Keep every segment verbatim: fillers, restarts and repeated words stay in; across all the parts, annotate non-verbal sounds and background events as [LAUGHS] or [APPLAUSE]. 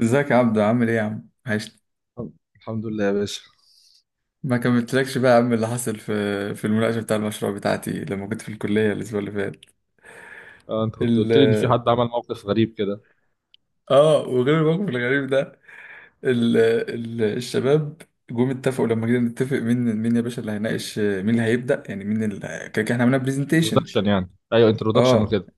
ازيك يا عبدو، عامل ايه يا عم؟ عشت. الحمد الحمد لله يا باشا. ما كملتلكش بقى يا عم اللي حصل في في المناقشه بتاع المشروع بتاعتي لما كنت في الكليه الاسبوع اللي فات. آه، انت كنت ال قلت لي ان في حد عمل موقف غريب كده. اه وغير الموقف الغريب ده، ال... ال... الشباب جم، اتفقوا لما جينا نتفق مين مين يا باشا اللي هيناقش، مين اللي هيبدا، يعني مين اللي كده كده احنا عملنا برزنتيشن. انترودكشن، يعني ايوه انترودكشن اه وكده.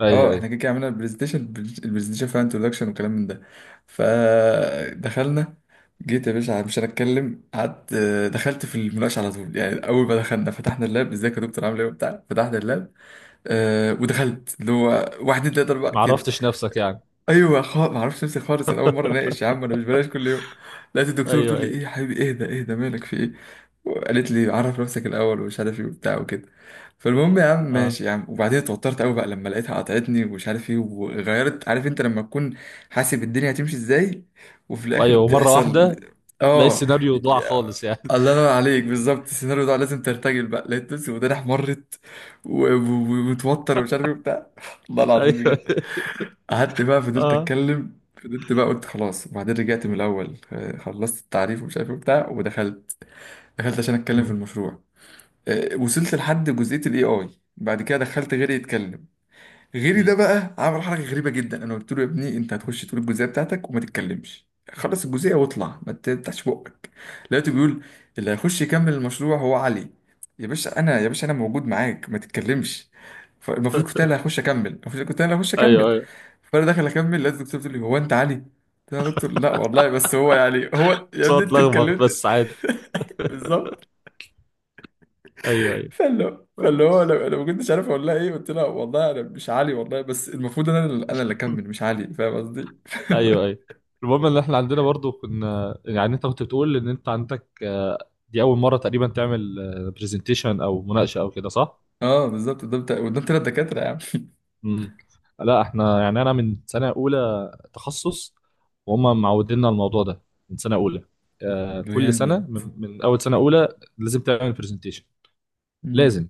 ايوه اه احنا ايوه. كده كده عملنا البرزنتيشن البرزنتيشن فيها انتروداكشن وكلام من ده، فدخلنا. جيت يا باشا مش هنتكلم، قعدت، آه، دخلت في المناقشه على طول. يعني اول ما دخلنا فتحنا اللاب، ازيك يا دكتور عامل ايه وبتاع، فتحنا اللاب. أه ودخلت اللي هو واحد اتنين تلاته اربعه ما كده. عرفتش نفسك يعني؟ ايوه خالص، ما اعرفش نفسي خالص، انا اول مره اناقش يا [LAUGHS] عم، انا مش بلاش كل يوم. لقيت الدكتوره ايوه بتقول لي ايه ايوه. يا حبيبي، اهدى اهدى، مالك، في ايه؟ وقالت لي عرف نفسك الاول ومش عارف ايه وبتاع وكده. فالمهم يا عم اه. ماشي يا عم، وبعدين اتوترت قوي بقى لما لقيتها قطعتني ومش عارف ايه وغيرت، عارف انت لما تكون حاسب الدنيا هتمشي ازاي وفي الاخر وايوه، ومره تحصل؟ واحده تلاقي اه، السيناريو ضاع خالص يعني. الله ينور عليك، [LAUGHS] بالظبط. السيناريو ده لازم ترتجل بقى، لقيت نفسي وداني احمرت و- و- ومتوتر ومش عارف ايه وبتاع. [LAUGHS] والله ايوه العظيم بجد. أيوة. قعدت بقى، فضلت اه. اتكلم، فضلت بقى، قلت خلاص، وبعدين رجعت من الاول. آه، خلصت التعريف ومش عارف إيه وبتاع، ودخلت، دخلت عشان اتكلم في مم. المشروع. آه، وصلت لحد جزئيه الاي اي. بعد كده دخلت غيري يتكلم. غيري ده مم. بقى عمل حركه غريبه جدا، انا قلت له يا ابني انت هتخش تقول الجزئيه بتاعتك وما تتكلمش، خلص الجزئيه واطلع ما تفتحش بقك. لقيته بيقول اللي هيخش يكمل المشروع هو علي. يا باشا انا، يا باشا انا موجود معاك، ما تتكلمش. فالمفروض كنت [LAUGHS] انا اللي هخش اكمل، المفروض كنت انا اللي هخش ايوه اكمل. ايوه. فانا داخل اكمل، لقيت الدكتور بتقول لي هو انت علي؟ قلت له يا دكتور لا والله، بس هو يعني هو، يا ابني صوت انت لخبط اتكلمت. بس عادي. [LAUGHS] [LAUGHS] بالظبط. ايوه ايوه. فاللي فاللي هو انا انا ما كنتش عارف اقول لها ايه، قلت لها والله انا مش علي، والله بس المفروض انا اللي- انا اللي اكمل مش علي. فاهم قصدي؟ ايوه ايوه. المهم ان احنا عندنا برضو، كنا يعني انت كنت بتقول ان انت عندك آه، دي اول مره تقريبا تعمل برزنتيشن او مناقشه او كده، صح؟ اه بالظبط، قدام تا- قدام تلات دكاتره يا عم. مم. لا احنا يعني انا من سنه اولى تخصص، وهم معودينا الموضوع ده من سنه اولى. آه، كل سنه جامد. من, من اول سنه اولى لازم تعمل برزنتيشن. مم. لازم.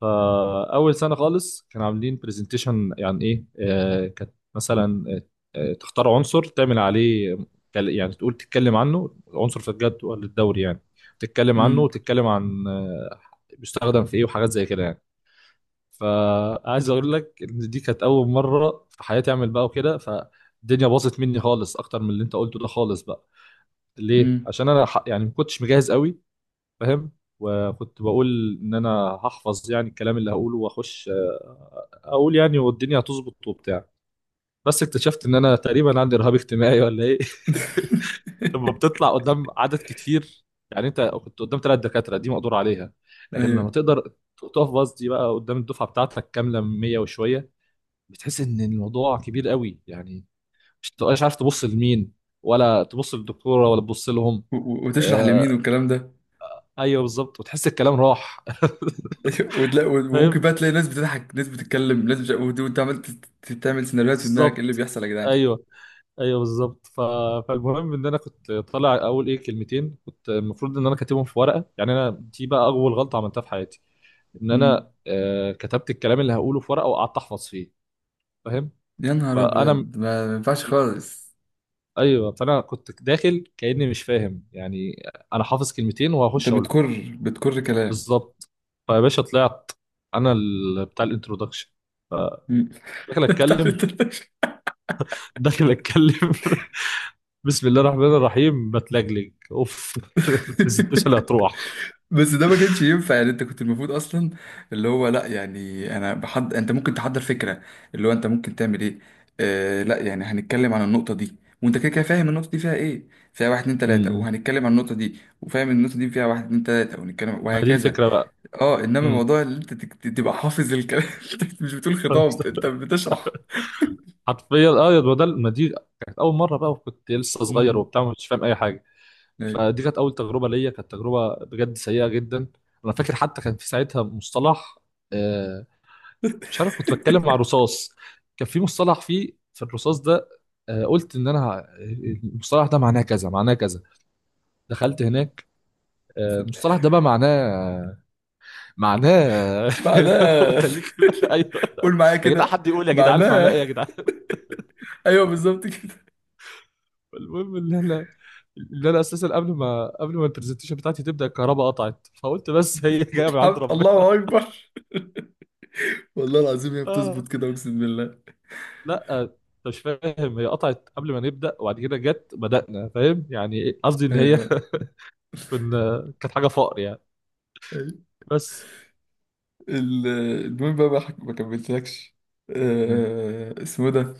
فاول سنه خالص كانوا عاملين برزنتيشن، يعني ايه؟ آه، كانت مثلا آه آه، تختار عنصر تعمل عليه. كل- يعني تقول تتكلم عنه عنصر في الجدول الدوري يعني. تتكلم عنه، مم. وتتكلم عن آه، بيستخدم في ايه وحاجات زي كده يعني. فعايز اقول لك ان دي كانت اول مره في حياتي اعمل بقى وكده، فالدنيا باظت مني خالص اكتر من اللي انت قلته ده خالص بقى. ليه؟ مم. عشان انا ح- يعني ما كنتش مجهز قوي. فاهم؟ وكنت بقول ان انا هحفظ يعني الكلام اللي هقوله واخش آه، اقول يعني والدنيا هتظبط وبتاع. بس اكتشفت ان انا تقريبا عندي رهاب اجتماعي ولا ايه. [LAUGHS] لما [LAUGHS] بتطلع قدام عدد كتير. يعني انت كنت قدام ثلاث دكاتره دي مقدور عليها، لكن لما ايوه. تقدر تقف باص دي بقى قدام الدفعه بتاعتك كامله ميه وشويه، بتحس ان الموضوع كبير قوي يعني. مش بتبقاش عارف تبص لمين، ولا تبص للدكتوره ولا تبص لهم. و- و- وتشرح لمين آه. والكلام ده. ايوه بالظبط، وتحس الكلام راح. [LAUGHS] وتلاقي، [LAUGHS] وممكن فاهم. بقى تلاقي ناس بتضحك، ناس بتتكلم، ناس بت... وت- وانت عمال تت- تت- تعمل سيناريوهات في دماغك ايه اللي بالظبط. بيحصل يا جدعان. ايوه. ايوه بالظبط. ف... فالمهم ان انا كنت طالع، اول ايه كلمتين كنت المفروض ان انا كاتبهم في ورقه يعني. انا دي بقى اول غلطه عملتها في حياتي، ان مم. انا آه كتبت الكلام اللي هقوله في ورقه وقعدت احفظ فيه. فاهم؟ يا نهار فانا ابيض، ما ما ينفعش خالص. ايوه، فانا كنت داخل كاني مش فاهم يعني. انا حافظ كلمتين انت وهخش اقول. بتكر بتكر كلام. بالظبط. فيا باشا طلعت، انا ال- بتاع الانترودكشن. مم. داخل اتكلم. [LAUGHS] داخل اتكلم. [LAUGHS] بسم الله الرحمن الرحيم، بتلجلج اوف. [LAUGHS] البرزنتيشن هتروح. بس ده ما كانش ينفع يعني، انت كنت المفروض اصلا اللي هو، لا يعني انا بحض، انت ممكن تحضر فكره اللي هو انت ممكن تعمل ايه. آه لا يعني هنتكلم عن النقطه دي، وانت كده كده فاهم النقطه دي فيها ايه، فيها واحد اتنين م- تلاته، م. وهنتكلم عن النقطه دي وفاهم النقطه دي فيها واحد اتنين تلاته ونتكلم، ما دي وهكذا. الفكره بقى. اه انما م. موضوع اللي انت تك- تبقى حافظ الكلام. [LAUGHS] انت مش بتقول خطاب، انت [LAUGHS] بتشرح. حرفيا اه. يا ده ما دي كانت اول مره بقى، وكنت لسه صغير امم، وبتاع، مش فاهم اي حاجه. ايوه. فدي كانت اول تجربه ليا، كانت تجربه بجد سيئه جدا. انا فاكر حتى كان في ساعتها مصطلح آه، مش عارف، كنت بتكلم مع رصاص. كان في مصطلح فيه في الرصاص ده. آه، قلت ان انا ه- المصطلح ده معناه كذا معناه كذا. دخلت هناك آه، المصطلح ده بقى معناه آه، معناه… [LAUGHS] بعدها وتليت بقى. ايوه، [LAUGHS] قول معايا يا جدعان كده. حد يقول يا جدعان معناه معناها ايه يا جدعان. [LAUGHS] ايوه بالظبط كده. [LAUGHS] المهم ان احنا، اللي انا اساسا قبل ما قبل ما البرزنتيشن بتاعتي تبدا الكهرباء قطعت، فقلت بس. [LAUGHS] هي جايه من عند حمد ربنا. الله اكبر، والله العظيم هي آه. بتظبط كده، اقسم بالله. لا آه، انت مش فاهم، هي قطعت قبل ما نبدا وبعد كده جت بدانا. فاهم يعني إيه؟ قصدي ان هي ايوه، [LAUGHS] كنا كانت حاجه فقر يعني. أيوة. بس. ال- المهم بقى ما حك- ما كملتلكش. مم. آه، اسمه ده.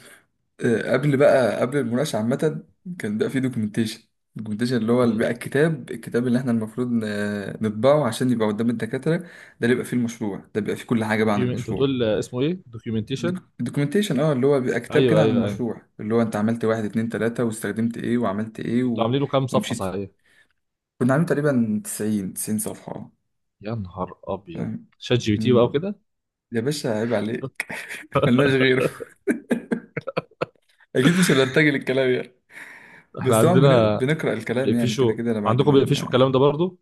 آه، قبل بقى قبل المناقشه عامه كان بقى في دوكيومنتيشن. الدوكيومنتيشن اللي هو اللي مم. بقى الكتاب، الكتاب اللي احنا المفروض ن- نطبعه عشان يبقى قدام الدكاتره ده، اللي بيبقى فيه المشروع ده، بيبقى فيه كل حاجه بقى عن دوكيومنت، انت المشروع. بتقول اسمه ايه؟ دوكيومنتيشن. الدوكيومنتيشن، اه، اللي هو بيبقى كتاب كده ايوه عن ايوه ايوه. المشروع، اللي هو انت عملت واحد اتنين تلاته، واستخدمت ايه وعملت ايه كنتوا و... عاملين له كام صفحه؟ ومشيت. صحيح. كنا عاملين تقريبا تسعين تسعين صفحة، اه، يا نهار ابيض. فاهم. شات جي بي تي بقى امم. وكده. يا باشا عيب عليك، ملناش غيره. [LAUGHS] [LAUGHS] أكيد مش هنرتجل الكلام يعني، احنا بس طبعا بنقر- عندنا بنقرأ الكلام، يعني كده بيقفشوا. كده أنا بعد عندكم ما... بيقفشوا الكلام ده برضو؟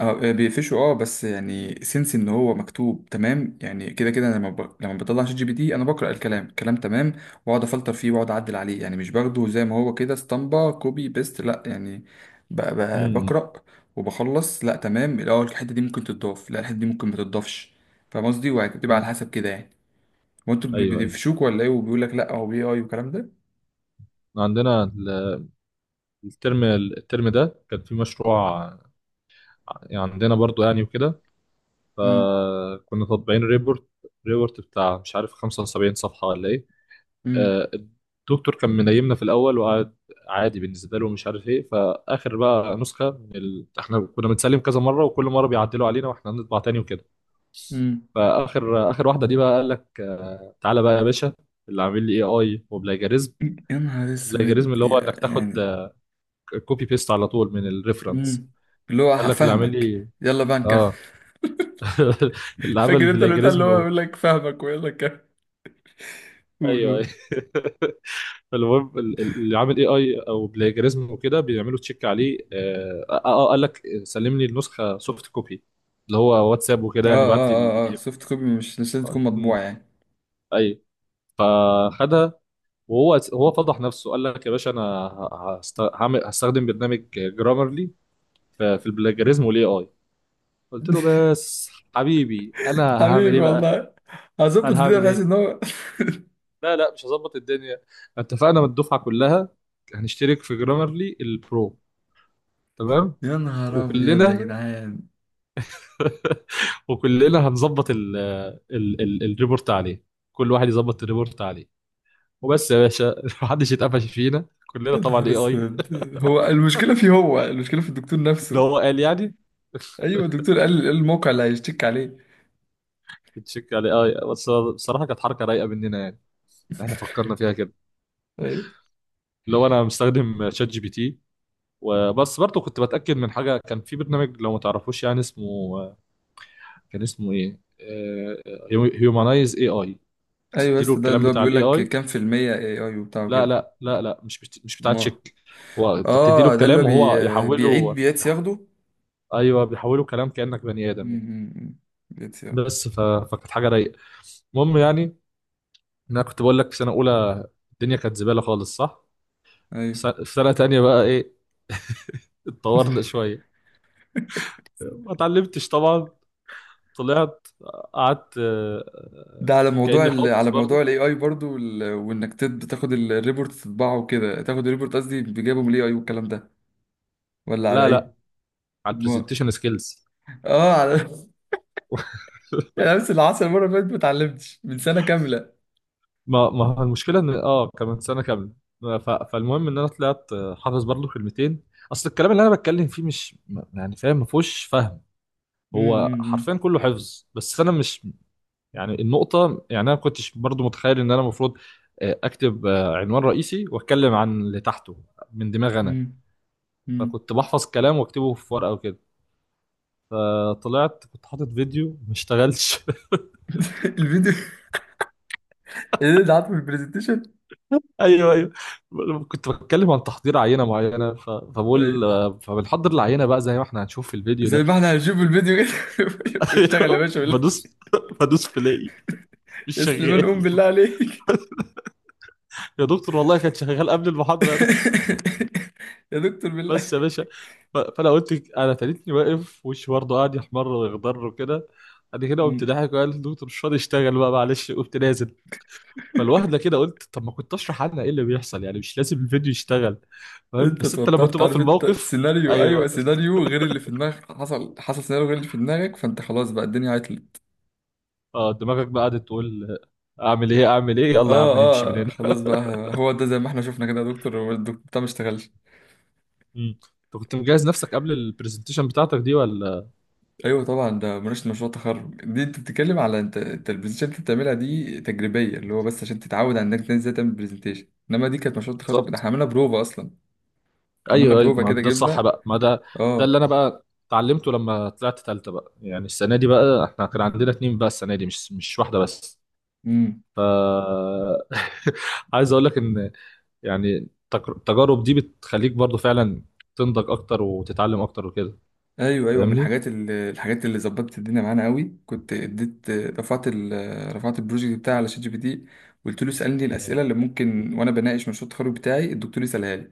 آه، آه، بيقفشوا، اه، بس يعني سنس ان هو مكتوب تمام يعني. كده كده أنا لما ب... لما بطلع شات جي بي تي انا بقرا الكلام، الكلام تمام، واقعد افلتر فيه واقعد اعدل عليه، يعني مش باخده زي ما هو كده اسطمبه كوبي بيست، لا يعني. ب... ب... امم. بقرا وبخلص، لا تمام الاول، الحته دي ممكن تتضاف، لا الحته دي ممكن ما تتضافش. فاهم قصدي؟ وبتبقى على امم. حسب كده يعني. وانتوا بي- ايوه ايوه. بيقفشوك ولا ايه، وبيقول لك لا هو بي اي والكلام ده. عندنا ال- الترم الترم ده كان في مشروع يعني، عندنا برضو يعني وكده. امم، فكنا طابعين ريبورت، ريبورت بتاع مش عارف خمسه وسبعين صفحة ولا ايه. امم، آه، الدكتور كان منيمنا في الاول وقعد عادي بالنسبه له ومش عارف ايه. فاخر بقى نسخه من ال... احنا كنا بنسلم كذا مره وكل مره بيعدلوا علينا واحنا هنطبع تاني وكده. امم. فاخر اخر واحده دي بقى قال لك آه، تعالى بقى يا باشا، اللي عامل لي اي اي وبلاجاريزم. يا نهار بلاجاريزم اسود اللي هو انك يا- تاخد يعني. كوبي بيست على طول من الريفرنس. مم. اللي هو قال ه- لك اللي عامل فاهمك. لي يلا بقى نكفي. اه. [LAUGHS] [LAUGHS] اللي عمل فاكر انت البتاع اللي بلاجاريزم هو و… يقول لك فاهمك ويلا نكفي؟ قول ايوه أيوة. قول. [LAUGHS] المهم ال- ال- اللي عامل اي اي او بلاجريزم وكده بيعملوا تشيك عليه. اه آه، آه، قال لك سلم لي النسخه سوفت كوبي، اللي هو واتساب وكده اه يعني، بعت اه لي البي اه اه دي اف. سوفت كوبي، مش مش لازم تكون مطبوعة يعني. اي فخدها. وهو هو فضح نفسه، قال لك يا باشا انا ه- هست- هعمل هستخدم برنامج جرامرلي في في البلاجريزم والاي اي. قلت له بس حبيبي انا هعمل ايه حبيبي بقى؟ والله، هظبط قال الدنيا هعمل بحيث ايه؟ ان هو... لا لا مش هظبط الدنيا، اتفقنا من الدفعه كلها هنشترك في جرامرلي البرو، تمام؟ [LAUGHS] يا نهار ابيض يا وكلنا جدعان. [LAUGHS] وكلنا هنظبط ال ال ال الريبورت عليه. كل واحد يظبط الريبورت عليه. وبس يا باشا [LAUGHS] محدش يتقفش فينا. كلنا يا طبعا نهار اي اي. اسود، هو المشكلة فيه، هو المشكلة في الدكتور ده نفسه. هو قال يعني. ايوه الدكتور قال، قال الموقع اللي هيشتكي عليه. [LAUGHS] تشيك على اي. بس بصراحه كانت حركه رايقه مننا يعني، احنا فكرنا فيها كده. ايوه اللي هو انا مستخدم شات جي بي تي، وبس برضه كنت بتاكد من حاجه. كان في برنامج، لو ما تعرفوش يعني اسمه، كان اسمه ايه، هيومانايز اي اي. ايوه. بتدي له بس ده الكلام اللي هو بتاع بيقول الاي لك اي. كام في المية اي اي وبتاع لا وكده. لا لا لا مش بت... مش بتاع ما تشيك، هو انت بتدي له اه، ده اللي هو الكلام وهو بي... بيعيد يحوله. بيات ياخده. ايوه بيحوله كلام كانك بني ادم يعني. امم، اتساب. بس ف... فكانت حاجه رايقه. المهم يعني، إن انا كنت بقول لك في سنه اولى الدنيا كانت زباله خالص، صح. في ايوه سنه، في سنة تانية بقى ايه، اتطورنا شويه. ما اتعلمتش طبعا. طلعت قعدت آه، ده على موضوع كاني ال... حافظ على برضه. موضوع الاي اي برضو، وال... وانك تد... تاخد ال- الريبورت تطبعه وكده، تاخد الريبورت قصدي بجابه من الاي اي والكلام ده، ولا على لا لا ايه؟ على ما... البرزنتيشن سكيلز. اه على. [LAUGHS] [LAUGHS] انا نفس اللي حصل المره اللي فاتت، ما اتعلمتش من سنه كامله. ما ما هو المشكله ان اه كمان سنه كامله. ف... فالمهم ان انا طلعت آه، حافظ برضه كلمتين. اصل الكلام اللي انا بتكلم فيه مش ما- يعني فاهم، ما فيهوش فهم. هو امم، حرفيا كله حفظ، بس انا مش، يعني النقطه يعني انا ما كنتش برضه متخيل ان انا المفروض آه، اكتب آه، عنوان رئيسي واتكلم عن اللي تحته من دماغي انا. امم، امم. فكنت بحفظ كلام واكتبه في ورقه وكده. فطلعت، كنت حاطط فيديو ما اشتغلش. [LAUGHS] الفيديو اللي ده عارفه في البرزنتيشن. ايوه ايوه. كنت بتكلم عن تحضير عينه معينه، ف... فبقول ايوه، فبنحضر العينه بقى زي ما احنا هنشوف في الفيديو زي ده. ما احنا هنشوف الفيديو كده. [LAUGHS] [LAUGHS] اشتغل يا ايوه، باشا بالله، بدوس، بدوس بلاقي مش يا سليمان قوم شغال. بالله عليك. [LAUGHS] يا دكتور والله كان شغال قبل المحاضره يا دكتور. [LAUGHS] يا دكتور بس بالله. يا باشا، ف... فانا قلت انا تلتني واقف وشي برضه قاعد يحمر ويخضر وكده. بعد كده قمت ضاحك وقال الدكتور مش فاضي، اشتغل بقى معلش. قمت نازل. فالواحده كده قلت طب ما كنت اشرح عنها ايه اللي بيحصل يعني، مش لازم الفيديو يشتغل. فاهم؟ انت بس انت لما اتوترت، تبقى في عارف انت الموقف. سيناريو، ايوه ايوه، سيناريو غير اللي في دماغك، حصل، حصل سيناريو غير اللي في دماغك، فانت خلاص بقى الدنيا عطلت. اه، دماغك بقى قعدت تقول آه، اعمل ايه، اعمل ايه، يلا يا اه، عم نمشي من اه هنا. خلاص [LAUGHS] بقى. هو ده زي ما احنا شفنا كده يا دكتور، هو الدكتور بتاع ما اشتغلش. مم. انت كنت مجهز نفسك قبل البرزنتيشن بتاعتك دي ولا؟ ايوه طبعا، ده مناقشه مشروع تخرج دي، انت بتتكلم على انت، انت البرزنتيشن اللي انت بتعملها دي تجريبيه اللي هو بس عشان تتعود على انك تنزل ازاي تعمل برزنتيشن، انما دي كانت مشروع تخرج، ده بالظبط. احنا عملنا بروفا اصلا. عملنا ايوه ايوه، بروفا ما كده، ده الصح جبنا. بقى، ما ده، ده اللي اه. انا بقى اتعلمته لما طلعت تالتة بقى يعني. السنه دي بقى احنا كان عندنا اتنين بقى، السنه دي مش مش واحده بس. امم. [LAUGHS] عايز اقول لك ان، يعني التك- التجارب دي بتخليك برضو فعلا تنضج اكتر وتتعلم اكتر وكده. ايوه ايوه، من فاهمني؟ الحاجات اللي، الحاجات اللي ظبطت الدنيا معانا قوي، كنت اديت، رفعت ال... رفعت البروجكت بتاعي على شات جي بي تي. قلت له اسالني مم. الاسئله اللي ممكن وانا بناقش مشروع التخرج بتاعي الدكتور يسالها لي.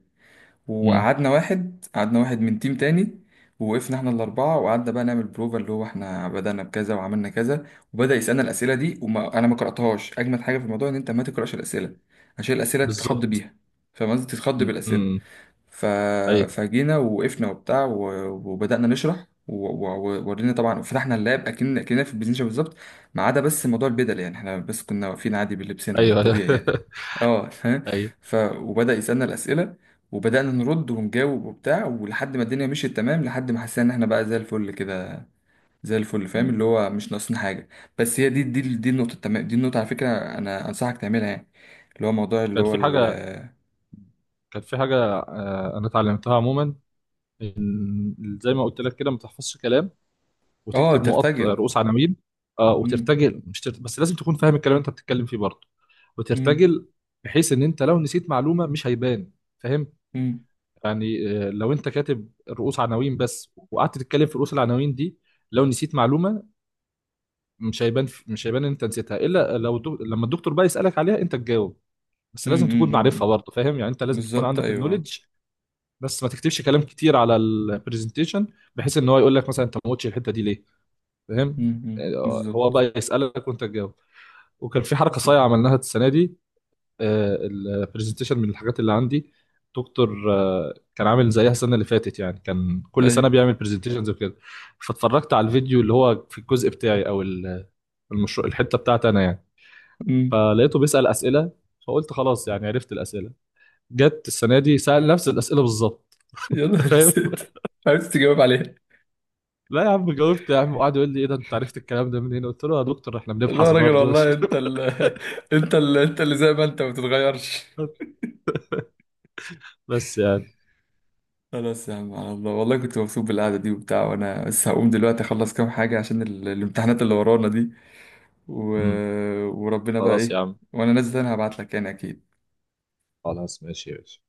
مم. وقعدنا واحد، قعدنا واحد من تيم تاني، ووقفنا احنا الاربعه وقعدنا بقى نعمل بروفا، اللي هو احنا بدانا بكذا وعملنا كذا، وبدا يسالنا الاسئله دي، وما انا ما قراتهاش. اجمد حاجه في الموضوع ان انت ما تقراش الاسئله عشان الاسئله تتخض بالظبط. بيها. فاهم قصدي؟ تتخض مم. بالاسئله. مم. ف... ايوه فجينا وقفنا وبتاع و... وبدأنا نشرح، وورينا طبعا فتحنا اللاب اكن اكننا في البزنشة بالظبط، ما عدا بس موضوع البدل، يعني احنا بس كنا واقفين عادي بلبسنا على ايوه ايوه. الطبيعي يعني. اه [LAUGHS] فاهم. [LAUGHS] ف وبدأ يسألنا الأسئلة، وبدأنا نرد ونجاوب وبتاع، ولحد ما الدنيا مشيت تمام، لحد ما حسينا ان احنا بقى زي الفل كده، زي الفل، فاهم، أيوة. اللي هو مش ناقصنا حاجة. بس هي دي، دي دي النقطة، تمام، دي النقطة على فكرة، انا انصحك تعملها يعني، اللي هو موضوع، اللي كانت هو في حاجة، ال- كانت في حاجة آه، أنا اتعلمتها عموما، إن زي ما قلت لك كده، ما تحفظش كلام، اه وتكتب نقط آه، ترتجل. رؤوس عناوين. آه، وترتجل، مش ترت... بس لازم تكون فاهم الكلام اللي أنت بتتكلم فيه برضه مم. وترتجل. بحيث إن أنت لو نسيت معلومة مش هيبان. فاهم؟ مم. يعني آه، لو أنت كاتب رؤوس عناوين بس وقعدت تتكلم في رؤوس العناوين دي، لو نسيت معلومة مش هيبان. مش هيبان إن أنت نسيتها، إلا لو دو... لما الدكتور بقى يسألك عليها أنت تجاوب. بس مم. لازم تكون مم. معرفها مم. برضه. فاهم يعني؟ أنت لازم تكون بالظبط، عندك ايوه. النولج. بس ما تكتبش كلام كتير على البرزنتيشن، بحيث ان هو يقول لك مثلا انت ما قلتش الحته دي ليه. فاهم؟ مم. مم. آه، هو بالظبط. بقى يسالك وانت تجاوب. وكان في حركه بالظبط، صايعه عملناها السنه دي. البرزنتيشن من الحاجات اللي عندي دكتور آه، كان عامل زيها السنه اللي فاتت يعني، كان كل سنه ايوه. بيعمل برزنتيشنز وكده. فاتفرجت على الفيديو، اللي هو في الجزء بتاعي او ال- المشروع، الحته بتاعتي انا يعني. مم. فلقيته بيسال اسئله، فقلت خلاص يعني عرفت الاسئله. جت السنه دي سال نفس الاسئله بالظبط. [LAUGHS] يا انت نهار فاهم؟ اسود. عرفت تجاوب عليها؟ لا يا عم، جاوبت يا عم، وقعد يقول لي ايه ده، انت عرفت الكلام ده منين؟ قلت له "آه يا دكتور احنا لا يا بنبحث راجل برضه مش… والله، [LAUGHS] انت ال... [LAUGHS] انت ال... انت اللي زي ما انت ما بتتغيرش. بس يعني. خلاص يا عم، على الله، والله كنت مبسوط بالقعده دي وبتاع، وانا بس هقوم دلوقتي اخلص كام حاجه عشان ال... الامتحانات اللي ورانا دي و... مم. وربنا بقى خلاص يا ايه. عم. وانا نازل انا هبعت لك يعني اكيد. خلاص ماشي ماشي.